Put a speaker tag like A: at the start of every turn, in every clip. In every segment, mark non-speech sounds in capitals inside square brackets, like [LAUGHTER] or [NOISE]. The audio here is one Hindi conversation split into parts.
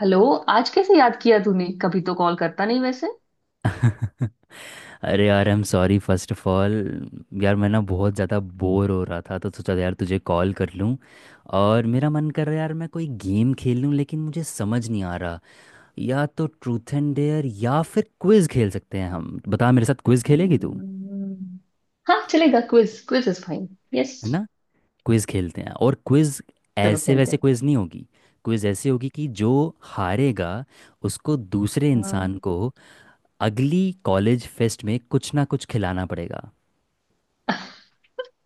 A: हेलो। आज कैसे याद किया तूने, कभी तो कॉल करता नहीं वैसे।
B: अरे यार, I am sorry first of all. यार, मैं ना बहुत ज़्यादा बोर हो रहा था तो सोचा यार तुझे कॉल कर लूँ। और मेरा मन कर रहा है यार, मैं कोई गेम खेल लूँ, लेकिन मुझे समझ नहीं आ रहा। या तो ट्रूथ एंड डेयर या फिर क्विज़ खेल सकते हैं हम। बता, मेरे साथ क्विज़ खेलेगी तू?
A: हम्म, हाँ चलेगा, quiz quiz is fine. Yes,
B: है ना। क्विज़ खेलते हैं, और क्विज़
A: चलो
B: ऐसे
A: खेलते
B: वैसे
A: हैं।
B: क्विज़ नहीं होगी। क्विज़ ऐसी होगी कि जो हारेगा उसको दूसरे इंसान
A: हाँ
B: को अगली कॉलेज फेस्ट में कुछ ना कुछ खिलाना पड़ेगा।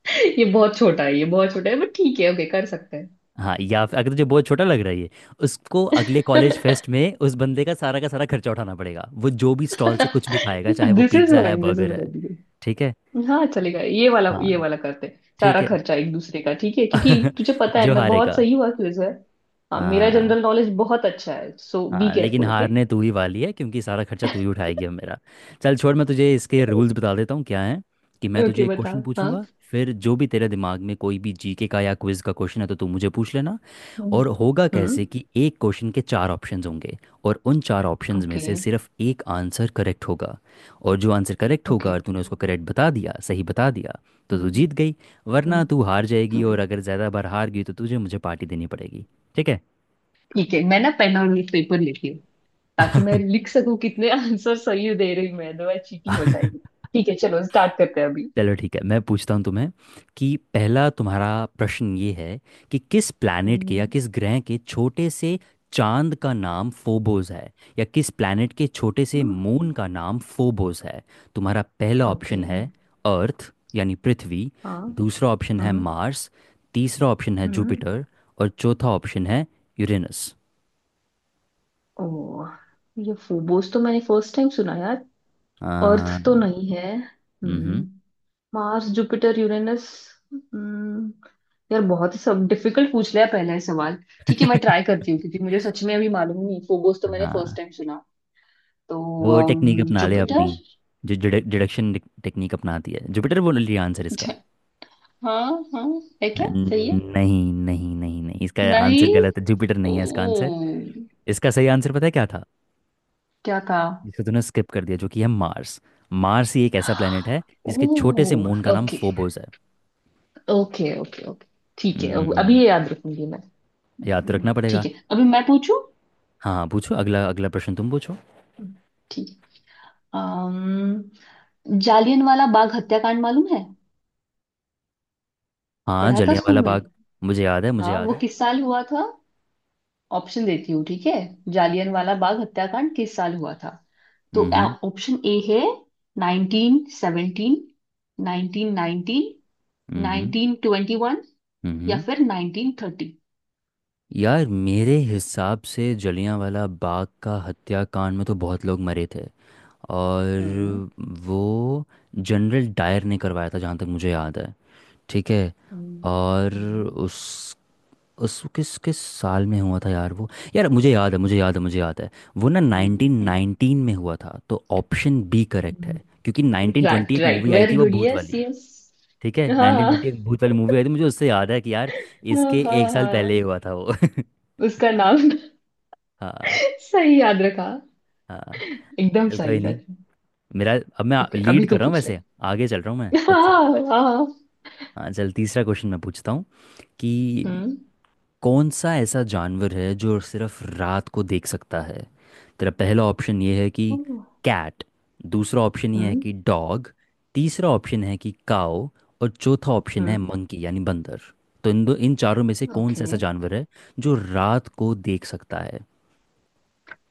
A: [LAUGHS] ये बहुत छोटा है, ये बहुत छोटा है, बट ठीक है, ओके कर सकते हैं।
B: हाँ, या फिर अगर तुझे बहुत छोटा लग रहा है ये, उसको अगले कॉलेज फेस्ट
A: [LAUGHS]
B: में उस बंदे का सारा खर्चा उठाना पड़ेगा। वो जो भी स्टॉल से कुछ भी खाएगा, चाहे वो
A: दिस इज
B: पिज्ज़ा है,
A: फाइन, दिस इज
B: बर्गर है।
A: रेडी।
B: ठीक है।
A: हाँ चलेगा, ये वाला
B: हाँ,
A: ये वाला करते हैं,
B: ठीक
A: सारा
B: है।
A: खर्चा एक दूसरे का, ठीक है
B: [LAUGHS]
A: क्योंकि तुझे पता है
B: जो
A: मैं बहुत
B: हारेगा।
A: सही हुआ क्विज है। हाँ, मेरा
B: हाँ
A: जनरल नॉलेज बहुत अच्छा है, सो बी
B: हाँ, लेकिन
A: केयरफुल। ओके,
B: हारने तू ही वाली है, क्योंकि सारा खर्चा तू ही उठाएगी अब मेरा। चल छोड़, मैं तुझे इसके रूल्स बता देता हूँ। क्या है कि मैं तुझे
A: ओके
B: एक
A: बता।
B: क्वेश्चन
A: हाँ।
B: पूछूंगा। फिर जो भी तेरे दिमाग में कोई भी जीके का या क्विज का क्वेश्चन है तो तू मुझे पूछ लेना।
A: हम्म।
B: और होगा
A: हम्म।
B: कैसे कि एक क्वेश्चन के चार ऑप्शंस होंगे। और उन चार ऑप्शंस में
A: ओके।
B: से सिर्फ एक आंसर करेक्ट होगा। और जो आंसर करेक्ट होगा
A: ओके।
B: और तूने उसको करेक्ट बता दिया, सही बता दिया, तो तू जीत गई। वरना तू हार
A: हम्म।
B: जाएगी,
A: ओके,
B: और अगर ज़्यादा बार हार गई तो तुझे मुझे पार्टी देनी पड़ेगी। ठीक।
A: ठीक है, मैं ना पेन और पेपर लेती हूँ ताकि मैं लिख सकूं कितने आंसर सही दे रही हूँ मैं, अदरवाइज चीटिंग हो
B: है [LAUGHS]
A: जाएगी। ठीक है, चलो स्टार्ट करते हैं अभी।
B: चलो ठीक है, मैं पूछता हूँ तुम्हें कि पहला तुम्हारा प्रश्न ये है कि किस प्लैनेट के या
A: हम्म,
B: किस ग्रह के छोटे से चांद का नाम फोबोस है, या किस प्लैनेट के छोटे से मून का नाम फोबोस है। तुम्हारा पहला
A: ओके।
B: ऑप्शन है अर्थ यानी पृथ्वी।
A: हाँ।
B: दूसरा ऑप्शन है
A: हम्म।
B: मार्स। तीसरा ऑप्शन है
A: हम्म।
B: जुपिटर। और चौथा ऑप्शन है यूरेनस।
A: ओ, ये फोबोस तो मैंने फर्स्ट टाइम सुना यार। अर्थ
B: आ,
A: तो नहीं है। हम्म।
B: हम्म।
A: Mars, Jupiter, Uranus. हम्म। यार बहुत ही सब डिफिकल्ट पूछ लिया, पहला ही सवाल। ठीक है, मैं ट्राई करती हूँ क्योंकि मुझे सच में अभी मालूम नहीं, फोबोस तो मैंने फर्स्ट
B: [LAUGHS]
A: टाइम सुना। तो
B: वो टेक्निक अपना ले अपनी,
A: जुपिटर।
B: जो डिडक्शन टेक्निक अपनाती है। जुपिटर बोल लिया आंसर इसका?
A: ज- हाँ हाँ है, क्या सही है?
B: न- नहीं नहीं नहीं नहीं इसका आंसर
A: नहीं।
B: गलत है, जुपिटर नहीं है इसका आंसर।
A: ओ,
B: इसका सही आंसर पता है क्या था,
A: क्या था?
B: जिसको तूने स्किप कर दिया, जो कि है मार्स। मार्स ही एक ऐसा प्लेनेट है जिसके
A: ओ,
B: छोटे से मून का नाम
A: ओके
B: फोबोस है।
A: Okay okay. ओके ठीक है, अभी
B: हम्म,
A: ये याद रखूंगी मैं।
B: याद तो रखना पड़ेगा।
A: ठीक है अभी मैं पूछूं।
B: हाँ, पूछो अगला। अगला प्रश्न तुम पूछो।
A: ठीक है। अम, जालियनवाला बाग हत्याकांड मालूम है?
B: हाँ,
A: पढ़ा था स्कूल
B: जलियांवाला
A: में।
B: बाग, मुझे याद है, मुझे
A: हाँ,
B: याद
A: वो
B: है।
A: किस साल हुआ था? ऑप्शन देती हूँ ठीक है। जालियनवाला बाग हत्याकांड किस साल हुआ था? तो
B: हम्म
A: ऑप्शन ए है 1917, 1919,
B: हम्म हम्म
A: 1921 या
B: हम्म।
A: फिर 1930।
B: यार, मेरे हिसाब से जलियांवाला बाग का हत्याकांड में तो बहुत लोग मरे थे।
A: हम्म
B: और वो जनरल डायर ने करवाया था, जहाँ तक मुझे याद है। ठीक है।
A: हम्म।
B: और उस उस किस किस साल में हुआ था यार वो? यार, मुझे याद है, मुझे याद है, मुझे याद है। वो ना
A: हम्म।
B: 1919 में हुआ था, तो ऑप्शन बी करेक्ट है।
A: हम्म।
B: क्योंकि 1920
A: राइट
B: एक
A: राइट,
B: मूवी आई थी
A: वेरी
B: वो
A: गुड,
B: भूत
A: यस
B: वाली।
A: यस।
B: ठीक है,
A: हाँ हाँ
B: 1920 एक भूत वाली मूवी आई थी, मुझे उससे याद है कि यार
A: हाँ
B: इसके
A: हाँ।
B: एक साल पहले ही
A: हाँ।
B: हुआ था वो। [LAUGHS]
A: उसका नाम
B: हाँ
A: [LAUGHS] सही याद रखा,
B: हाँ।
A: एकदम
B: चल, कोई
A: सही
B: नहीं।
A: सच।
B: मेरा, अब मैं
A: ओके
B: लीड
A: अभी
B: कर
A: तू
B: रहा हूँ
A: पूछ ले।
B: वैसे। आगे चल रहा हूँ मैं, that's it।
A: हाँ हाँ।
B: हाँ चल, तीसरा क्वेश्चन मैं पूछता हूँ कि
A: हम्म।
B: कौन सा ऐसा जानवर है जो सिर्फ रात को देख सकता है। तेरा पहला ऑप्शन ये है कि कैट। दूसरा ऑप्शन ये है
A: हम्म।
B: कि डॉग। तीसरा ऑप्शन है कि काओ। और चौथा ऑप्शन है
A: हम्म।
B: मंकी यानी बंदर। तो इन चारों में से कौन सा
A: ओके।
B: ऐसा जानवर है जो रात को देख सकता है?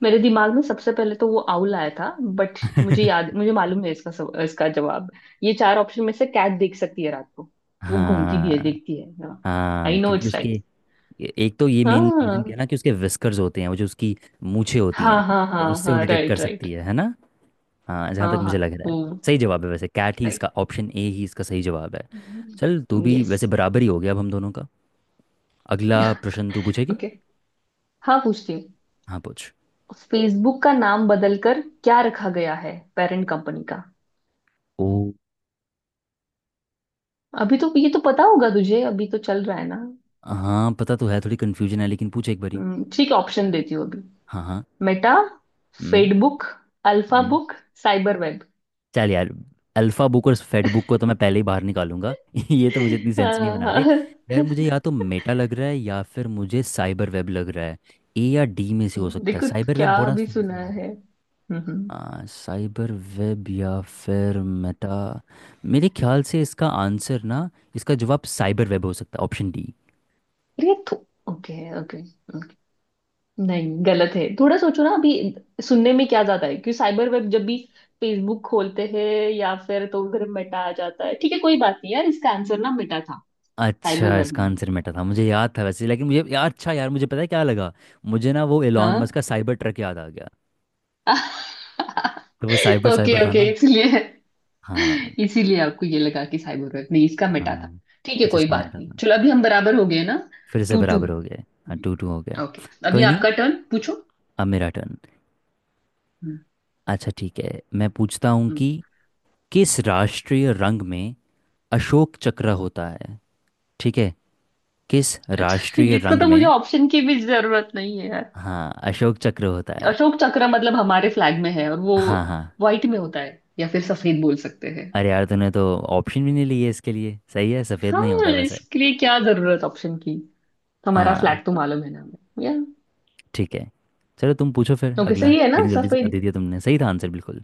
A: मेरे दिमाग में सबसे पहले तो वो आउल आया था, बट मुझे
B: [LAUGHS]
A: याद, मुझे मालूम है इसका इसका जवाब। ये चार ऑप्शन में से कैट देख सकती है रात को, वो घूमती भी है
B: हाँ,
A: देखती है।
B: हाँ
A: आई नो
B: क्योंकि
A: इट्स
B: उसके,
A: राइट।
B: एक तो ये मेन रीजन
A: हाँ
B: क्या है ना कि उसके विस्कर्स होते हैं, वो जो उसकी मूछें होती
A: हाँ
B: हैं।
A: हाँ
B: तो
A: हाँ
B: उससे वो
A: हाँ,
B: डिटेक्ट कर
A: राइट राइट।
B: सकती है ना। हाँ, जहाँ तक
A: हाँ
B: मुझे
A: हाँ,
B: लग रहा है
A: वो।
B: सही जवाब है वैसे कैट ही,
A: राइट।
B: इसका ऑप्शन ए ही इसका सही जवाब है। चल, तू भी
A: यस।
B: वैसे बराबर ही हो गया अब हम दोनों का। अगला प्रश्न तू पूछेगी।
A: ओके, हाँ पूछती हूँ।
B: हाँ पूछ।
A: फेसबुक का नाम बदलकर क्या रखा गया है, पेरेंट कंपनी का?
B: ओ,
A: अभी तो ये तो पता होगा तुझे, अभी तो चल रहा है ना।
B: हाँ, पता तो है, थोड़ी कन्फ्यूजन है लेकिन पूछ एक बारी।
A: ठीक है, ऑप्शन देती हूँ अभी।
B: हाँ हाँ।
A: मेटा,
B: हम्म
A: फेडबुक, अल्फा
B: हम्म।
A: Book, cyber web.
B: चल यार, अल्फा बुक और फेड बुक को तो मैं पहले ही बाहर निकालूंगा। [LAUGHS] ये तो मुझे इतनी सेंस नहीं बना रहे।
A: हाँ।
B: यार, मुझे
A: [LAUGHS]
B: या तो मेटा लग रहा है या फिर मुझे साइबर वेब लग रहा है। ए या डी में से हो सकता है।
A: देखो,
B: साइबर वेब
A: क्या
B: बड़ा
A: भी
B: सुना
A: सुना
B: सुना लग रहा
A: है।
B: है।
A: हम्म।
B: साइबर वेब या फिर मेटा। मेरे ख्याल से इसका आंसर ना, इसका जवाब साइबर वेब हो सकता है, ऑप्शन डी।
A: अरे तो ओके ओके ओके। नहीं गलत है, थोड़ा सोचो ना अभी, सुनने में क्या जाता है क्योंकि साइबर वेब जब भी फेसबुक खोलते हैं या फिर तो उधर मेटा आ जाता है। ठीक है कोई बात नहीं, यार इसका आंसर ना मेटा था, साइबर
B: अच्छा,
A: वेब
B: इसका
A: नहीं।
B: आंसर मेटा था? मुझे याद था वैसे, लेकिन मुझे यार, अच्छा यार मुझे पता है क्या लगा। मुझे ना वो एलॉन
A: हाँ।
B: मस्क का साइबर ट्रक याद आ गया। तो वो
A: [LAUGHS]
B: साइबर,
A: ओके
B: साइबर था
A: ओके,
B: ना।
A: इसलिए,
B: हाँ
A: इसीलिए आपको ये लगा कि साइबर वेब, नहीं इसका मिटा था।
B: हाँ।
A: ठीक है
B: अच्छा,
A: कोई
B: इसका
A: बात
B: मेटा
A: नहीं,
B: था।
A: चलो अभी हम बराबर हो गए ना।
B: फिर से
A: टू टू।
B: बराबर हो गए, हाँ टू टू हो गए।
A: ओके, अभी
B: कोई नहीं,
A: आपका टर्न, पूछो।
B: अब मेरा टर्न।
A: हम्म,
B: अच्छा ठीक है, मैं पूछता हूँ कि
A: हम्म,
B: किस राष्ट्रीय रंग में अशोक चक्र होता है। ठीक है, किस
A: अच्छा [LAUGHS]
B: राष्ट्रीय
A: इसको
B: रंग
A: तो मुझे
B: में,
A: ऑप्शन की भी जरूरत नहीं है यार।
B: हाँ, अशोक चक्र होता है।
A: अशोक चक्र मतलब हमारे फ्लैग में है, और वो
B: हाँ हाँ,
A: व्हाइट में होता है, या फिर सफेद बोल सकते हैं।
B: अरे यार, तूने तो ऑप्शन भी नहीं लिए। इसके लिए सही है, सफ़ेद
A: हाँ,
B: नहीं होता वैसे।
A: इसके लिए क्या जरूरत ऑप्शन की, हमारा
B: हाँ
A: फ्लैग तो मालूम है ना हमें या।
B: ठीक है, चलो तुम पूछो फिर
A: ओके,
B: अगला।
A: सही है ना
B: इतनी जल्दी से
A: सफेद?
B: दे दिया तुमने, सही था आंसर बिल्कुल।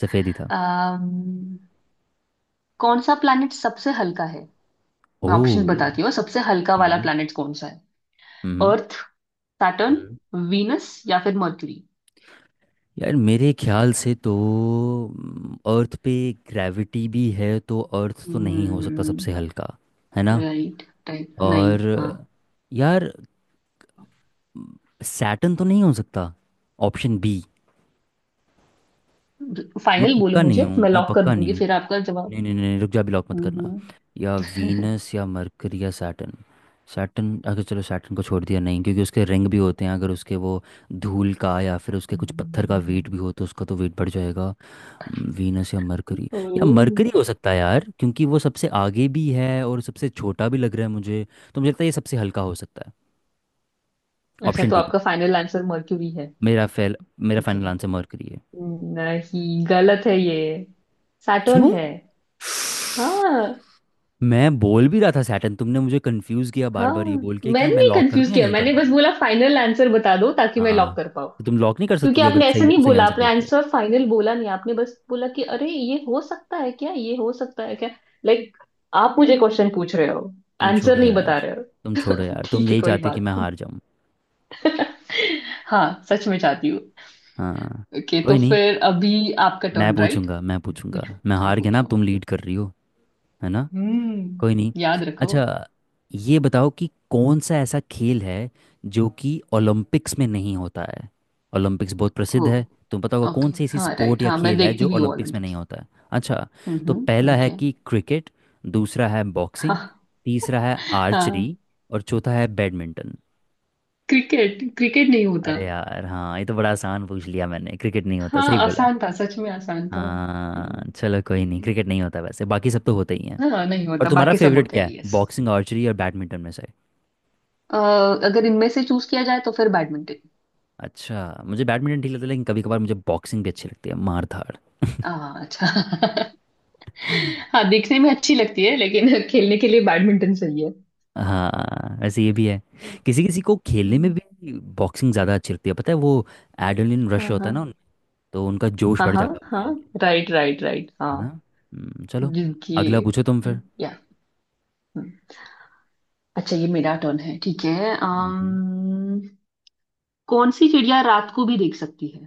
B: सफ़ेद ही था।
A: अम, कौन सा प्लैनेट सबसे हल्का है? मैं ऑप्शन
B: ओह,
A: बताती हूँ, सबसे हल्का वाला
B: हम्म
A: प्लैनेट कौन सा है?
B: हम्म
A: अर्थ, सैटर्न,
B: हम्म।
A: वीनस या फिर मर्क्यूरी।
B: यार, मेरे ख्याल से तो अर्थ पे ग्रेविटी भी है, तो अर्थ तो नहीं हो सकता सबसे हल्का, है ना।
A: राइट। राइट, नहीं,
B: और
A: हाँ।
B: यार, सैटर्न तो नहीं हो सकता, ऑप्शन बी। मैं
A: फाइनल बोलो
B: पक्का नहीं
A: मुझे,
B: हूँ,
A: मैं
B: मैं
A: लॉक कर
B: पक्का नहीं
A: दूंगी
B: हूँ।
A: फिर आपका जवाब।
B: नहीं नहीं नहीं, रुक जा, भी लॉक मत करना।
A: हम्म।
B: या वीनस या मरकरी या सैटर्न। सैटर्न, अगर, चलो सैटर्न को छोड़ दिया नहीं, क्योंकि उसके रिंग भी होते हैं। अगर उसके वो धूल का या फिर उसके कुछ पत्थर का
A: हम्म।
B: वेट भी हो तो उसका तो वेट बढ़ जाएगा। वीनस या मरकरी। या
A: ओह,
B: मरकरी हो सकता है यार, क्योंकि वो सबसे आगे भी है और सबसे छोटा भी लग रहा है मुझे। तो मुझे लगता है ये सबसे हल्का हो सकता है।
A: अच्छा
B: ऑप्शन
A: तो
B: डी,
A: आपका फाइनल आंसर मर्क्यूरी है।
B: मेरा फेल। मेरा
A: ओके,
B: फाइनल आंसर मरकरी है।
A: नहीं गलत है ये, सैटर्न
B: क्यों?
A: है। हाँ।
B: मैं बोल भी रहा था सैटर्न, तुमने मुझे कंफ्यूज किया बार
A: हाँ,
B: बार, ये बोल के कि
A: मैंने
B: मैं
A: नहीं
B: लॉक कर
A: कंफ्यूज
B: दूं या
A: किया,
B: नहीं कर
A: मैंने
B: दूं।
A: बस बोला फाइनल आंसर बता दो ताकि मैं लॉक
B: हाँ,
A: कर पाऊँ।
B: तो तुम लॉक नहीं कर सकती
A: क्योंकि
B: थी अगर
A: आपने ऐसा
B: सही
A: नहीं
B: सही
A: बोला,
B: आंसर
A: आपने
B: देख के।
A: आंसर फाइनल बोला नहीं, आपने बस बोला कि अरे ये हो सकता है क्या, ये हो सकता है क्या, लाइक आप मुझे क्वेश्चन पूछ रहे हो,
B: तुम
A: आंसर
B: छोड़ो
A: नहीं
B: यार,
A: बता रहे हो।
B: तुम छोड़ो
A: तो
B: यार, तुम
A: ठीक है
B: यही
A: कोई
B: चाहते हो कि
A: बात।
B: मैं हार जाऊं।
A: हाँ सच में चाहती हूँ।
B: हाँ,
A: ओके, तो
B: कोई नहीं।
A: फिर अभी आपका
B: मैं
A: टर्न, राइट,
B: पूछूंगा मैं पूछूंगा
A: पूछो।
B: मैं
A: हाँ
B: हार गया ना,
A: पूछो।
B: अब तुम लीड कर रही हो, है ना।
A: हम्म,
B: कोई नहीं।
A: याद रखो।
B: अच्छा ये बताओ कि कौन सा ऐसा खेल है जो कि ओलंपिक्स में नहीं होता है। ओलंपिक्स बहुत प्रसिद्ध
A: हो।
B: है, तुम पता होगा
A: ओके
B: कौन सी ऐसी
A: हाँ,
B: स्पोर्ट
A: राइट।
B: या
A: हाँ, मैं
B: खेल है
A: देखती
B: जो
A: भी हूँ
B: ओलंपिक्स में नहीं
A: ओलंपिक्स।
B: होता है। अच्छा, तो
A: हम्म,
B: पहला है
A: ओके।
B: कि क्रिकेट। दूसरा है बॉक्सिंग।
A: हाँ।
B: तीसरा है आर्चरी।
A: हाँ।
B: और चौथा है बैडमिंटन।
A: क्रिकेट, क्रिकेट नहीं होता।
B: अरे यार हाँ, ये तो बड़ा आसान पूछ लिया मैंने। क्रिकेट नहीं होता,
A: हाँ
B: सही बोला।
A: आसान था, सच में आसान था।
B: हाँ चलो, कोई नहीं, क्रिकेट नहीं होता, वैसे बाकी सब तो होते ही हैं।
A: हाँ नहीं
B: और
A: होता,
B: तुम्हारा
A: बाकी सब
B: फेवरेट
A: होते
B: क्या
A: हैं,
B: है,
A: यस।
B: बॉक्सिंग, आर्चरी और बैडमिंटन में से?
A: अगर इनमें से चूज किया जाए तो फिर बैडमिंटन।
B: अच्छा, मुझे बैडमिंटन ठीक लगता है, लेकिन कभी कभार मुझे बॉक्सिंग भी अच्छी लगती है, मार धाड़।
A: हाँ, अच्छा। [LAUGHS] हाँ, देखने में अच्छी लगती है लेकिन [LAUGHS] खेलने के लिए बैडमिंटन सही है।
B: हाँ वैसे ये भी है, किसी किसी को खेलने में
A: हम्म,
B: भी बॉक्सिंग ज़्यादा अच्छी लगती है। पता है वो एड्रेनलिन रश
A: हाँ
B: होता है ना उनमें,
A: हाँ
B: तो उनका जोश
A: हाँ
B: बढ़
A: हाँ
B: जाता है वो
A: हाँ,
B: खेल के,
A: राइट राइट राइट, हाँ।
B: है ना। चलो,
A: जिनकी,
B: अगला पूछो तुम फिर।
A: या। हम्म। अच्छा ये मेरा टर्न है, ठीक है।
B: हम्म।
A: कौन सी चिड़िया रात को भी देख सकती है?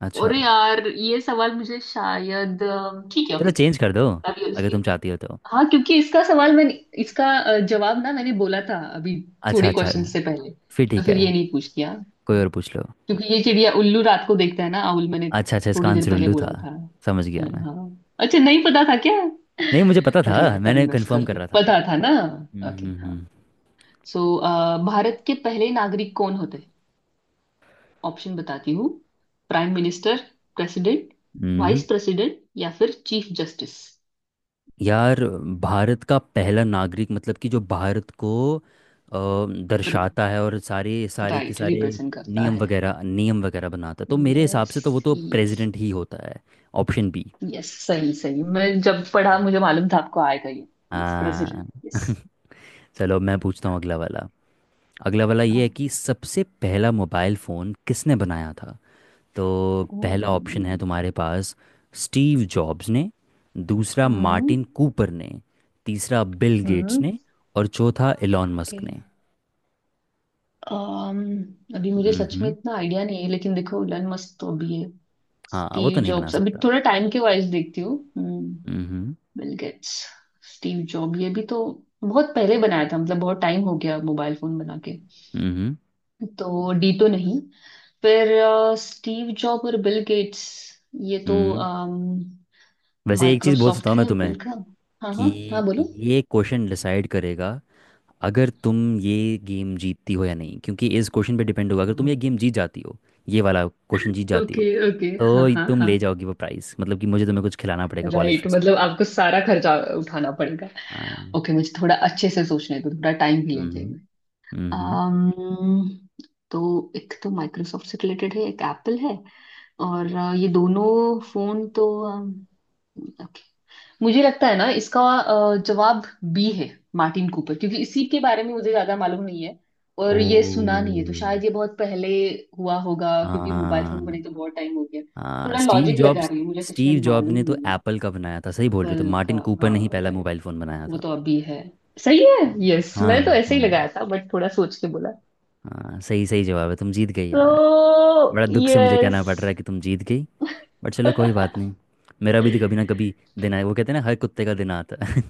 B: अच्छा
A: अरे यार ये सवाल मुझे शायद ठीक है।
B: चलो
A: ओके।
B: चेंज कर दो अगर तुम चाहती हो तो।
A: हाँ, क्योंकि इसका सवाल मैंने, इसका जवाब ना मैंने बोला था अभी,
B: अच्छा
A: थोड़े
B: अच्छा,
A: क्वेश्चन से पहले,
B: फिर
A: तो
B: ठीक
A: फिर
B: है,
A: ये नहीं पूछ किया,
B: कोई और पूछ लो।
A: क्योंकि ये चिड़िया, उल्लू रात को देखता है ना, आउल, मैंने
B: अच्छा अच्छा, इसका
A: थोड़ी देर
B: आंसर
A: पहले
B: उल्लू
A: बोला
B: था,
A: था।
B: समझ गया मैं।
A: हाँ, अच्छा नहीं पता था क्या?
B: नहीं, मुझे पता
A: अरे
B: था,
A: यार टर्न
B: मैंने
A: मिस
B: कंफर्म
A: कर
B: कर
A: दी,
B: रहा था।
A: पता था ना।
B: हम्म
A: ओके हाँ।
B: हम्म
A: सो भारत के पहले नागरिक कौन होते हैं? ऑप्शन बताती हूँ। प्राइम मिनिस्टर, प्रेसिडेंट,
B: हम्म।
A: वाइस प्रेसिडेंट या फिर चीफ जस्टिस।
B: यार, भारत का पहला नागरिक मतलब कि जो भारत को दर्शाता है और सारे सारे के
A: राइट,
B: सारे
A: रिप्रेजेंट करता है।
B: नियम वगैरह बनाता है, तो मेरे हिसाब
A: यस।
B: से तो वो तो
A: यस।
B: प्रेसिडेंट ही होता है, ऑप्शन बी।
A: यस सही सही, मैं जब पढ़ा मुझे मालूम था आपको आएगा ये। यस
B: हाँ।
A: President, yes.
B: [LAUGHS] चलो मैं पूछता हूँ अगला वाला। अगला वाला ये है
A: हाँ।
B: कि सबसे पहला मोबाइल फ़ोन किसने बनाया था। तो
A: ओ,
B: पहला ऑप्शन है तुम्हारे पास, स्टीव जॉब्स ने। दूसरा
A: हम्म।
B: मार्टिन कूपर ने। तीसरा बिल गेट्स
A: हम्म।
B: ने। और चौथा एलॉन
A: ओके।
B: मस्क ने।
A: अभी मुझे सच में
B: हम्म,
A: इतना आइडिया नहीं है, लेकिन देखो इलन मस्क तो अभी है।
B: हाँ वो तो
A: स्टीव
B: नहीं बना
A: जॉब्स अभी,
B: सकता।
A: थोड़ा टाइम के वाइज देखती हूँ। हम्म।
B: हम्म
A: बिल गेट्स, स्टीव जॉब, ये भी तो बहुत पहले बनाया था, मतलब बहुत टाइम हो गया मोबाइल फोन बना के।
B: हम्म
A: तो डी तो नहीं, फिर स्टीव जॉब और बिल गेट्स, ये तो
B: हम्म वैसे एक चीज़ बोल सकता
A: माइक्रोसॉफ्ट
B: हूँ
A: है
B: मैं तुम्हें
A: बिल का। हाँ
B: कि
A: हाँ हाँ, बोलो।
B: ये क्वेश्चन डिसाइड करेगा अगर तुम ये गेम जीतती हो या नहीं, क्योंकि इस क्वेश्चन पे डिपेंड होगा अगर तुम ये गेम जीत जाती हो, ये वाला क्वेश्चन जीत जाती हो,
A: ओके ओके,
B: तो
A: हाँ
B: ये
A: हाँ
B: तुम
A: हाँ।
B: ले जाओगी वो प्राइस, मतलब कि मुझे तुम्हें कुछ खिलाना पड़ेगा कॉलेज
A: राइट,
B: फेस्ट में।
A: मतलब आपको सारा खर्चा उठाना पड़ेगा।
B: हाँ।
A: ओके, मुझे थोड़ा अच्छे से सोचने दो, थोड़ा टाइम भी लेते
B: हम्म
A: हैं।
B: हम्म
A: um, तो एक तो माइक्रोसॉफ्ट से रिलेटेड है, एक एप्पल है, और ये दोनों फोन तो, ओके मुझे लगता है ना इसका जवाब बी है, मार्टिन कूपर, क्योंकि इसी के बारे में मुझे ज्यादा मालूम नहीं है
B: ओ,
A: और ये सुना नहीं है, तो शायद ये बहुत पहले हुआ होगा क्योंकि मोबाइल फोन
B: हाँ
A: बने तो बहुत टाइम हो गया।
B: हाँ,
A: थोड़ा
B: स्टीव
A: लॉजिक लगा
B: जॉब्स।
A: रही हूँ, मुझे सच में
B: स्टीव जॉब ने
A: मालूम
B: तो
A: नहीं है।
B: एप्पल का बनाया था, सही बोल रही हो, तो
A: पल का।
B: मार्टिन कूपर
A: हाँ।
B: ने ही पहला
A: राइट,
B: मोबाइल फ़ोन बनाया
A: वो
B: था।
A: तो अभी है। सही है। यस मैं तो
B: हाँ
A: ऐसे ही
B: हाँ,
A: लगाया था, बट थोड़ा सोच के बोला
B: हाँ सही सही जवाब है, तुम जीत गई
A: तो।
B: यार। बड़ा दुख से मुझे कहना
A: यस।
B: पड़ रहा है कि तुम जीत गई। बट चलो कोई बात नहीं, मेरा भी तो कभी ना कभी दिन आए, वो कहते हैं ना, हर कुत्ते का दिन आता है।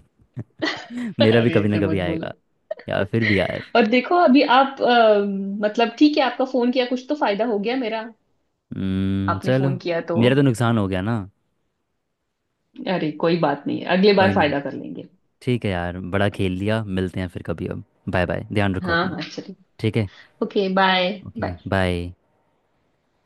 B: [LAUGHS]
A: [LAUGHS]
B: मेरा भी
A: अरे
B: कभी ना
A: ऐसे
B: कभी
A: मत बोलो।
B: आएगा। यार फिर भी यार,
A: और देखो अभी आप मतलब ठीक है, आपका फोन किया, कुछ तो फायदा हो गया मेरा, आपने
B: चलो,
A: फोन किया तो।
B: मेरा तो नुकसान हो गया ना।
A: अरे कोई बात नहीं, अगली
B: कोई
A: बार
B: नहीं।
A: फायदा कर लेंगे।
B: ठीक है यार, बड़ा खेल लिया, मिलते हैं फिर कभी अब। बाय बाय, ध्यान रखो
A: हाँ
B: अपना,
A: हाँ चलिए।
B: ठीक है।
A: Okay bye.
B: Okay
A: bye.
B: Bye.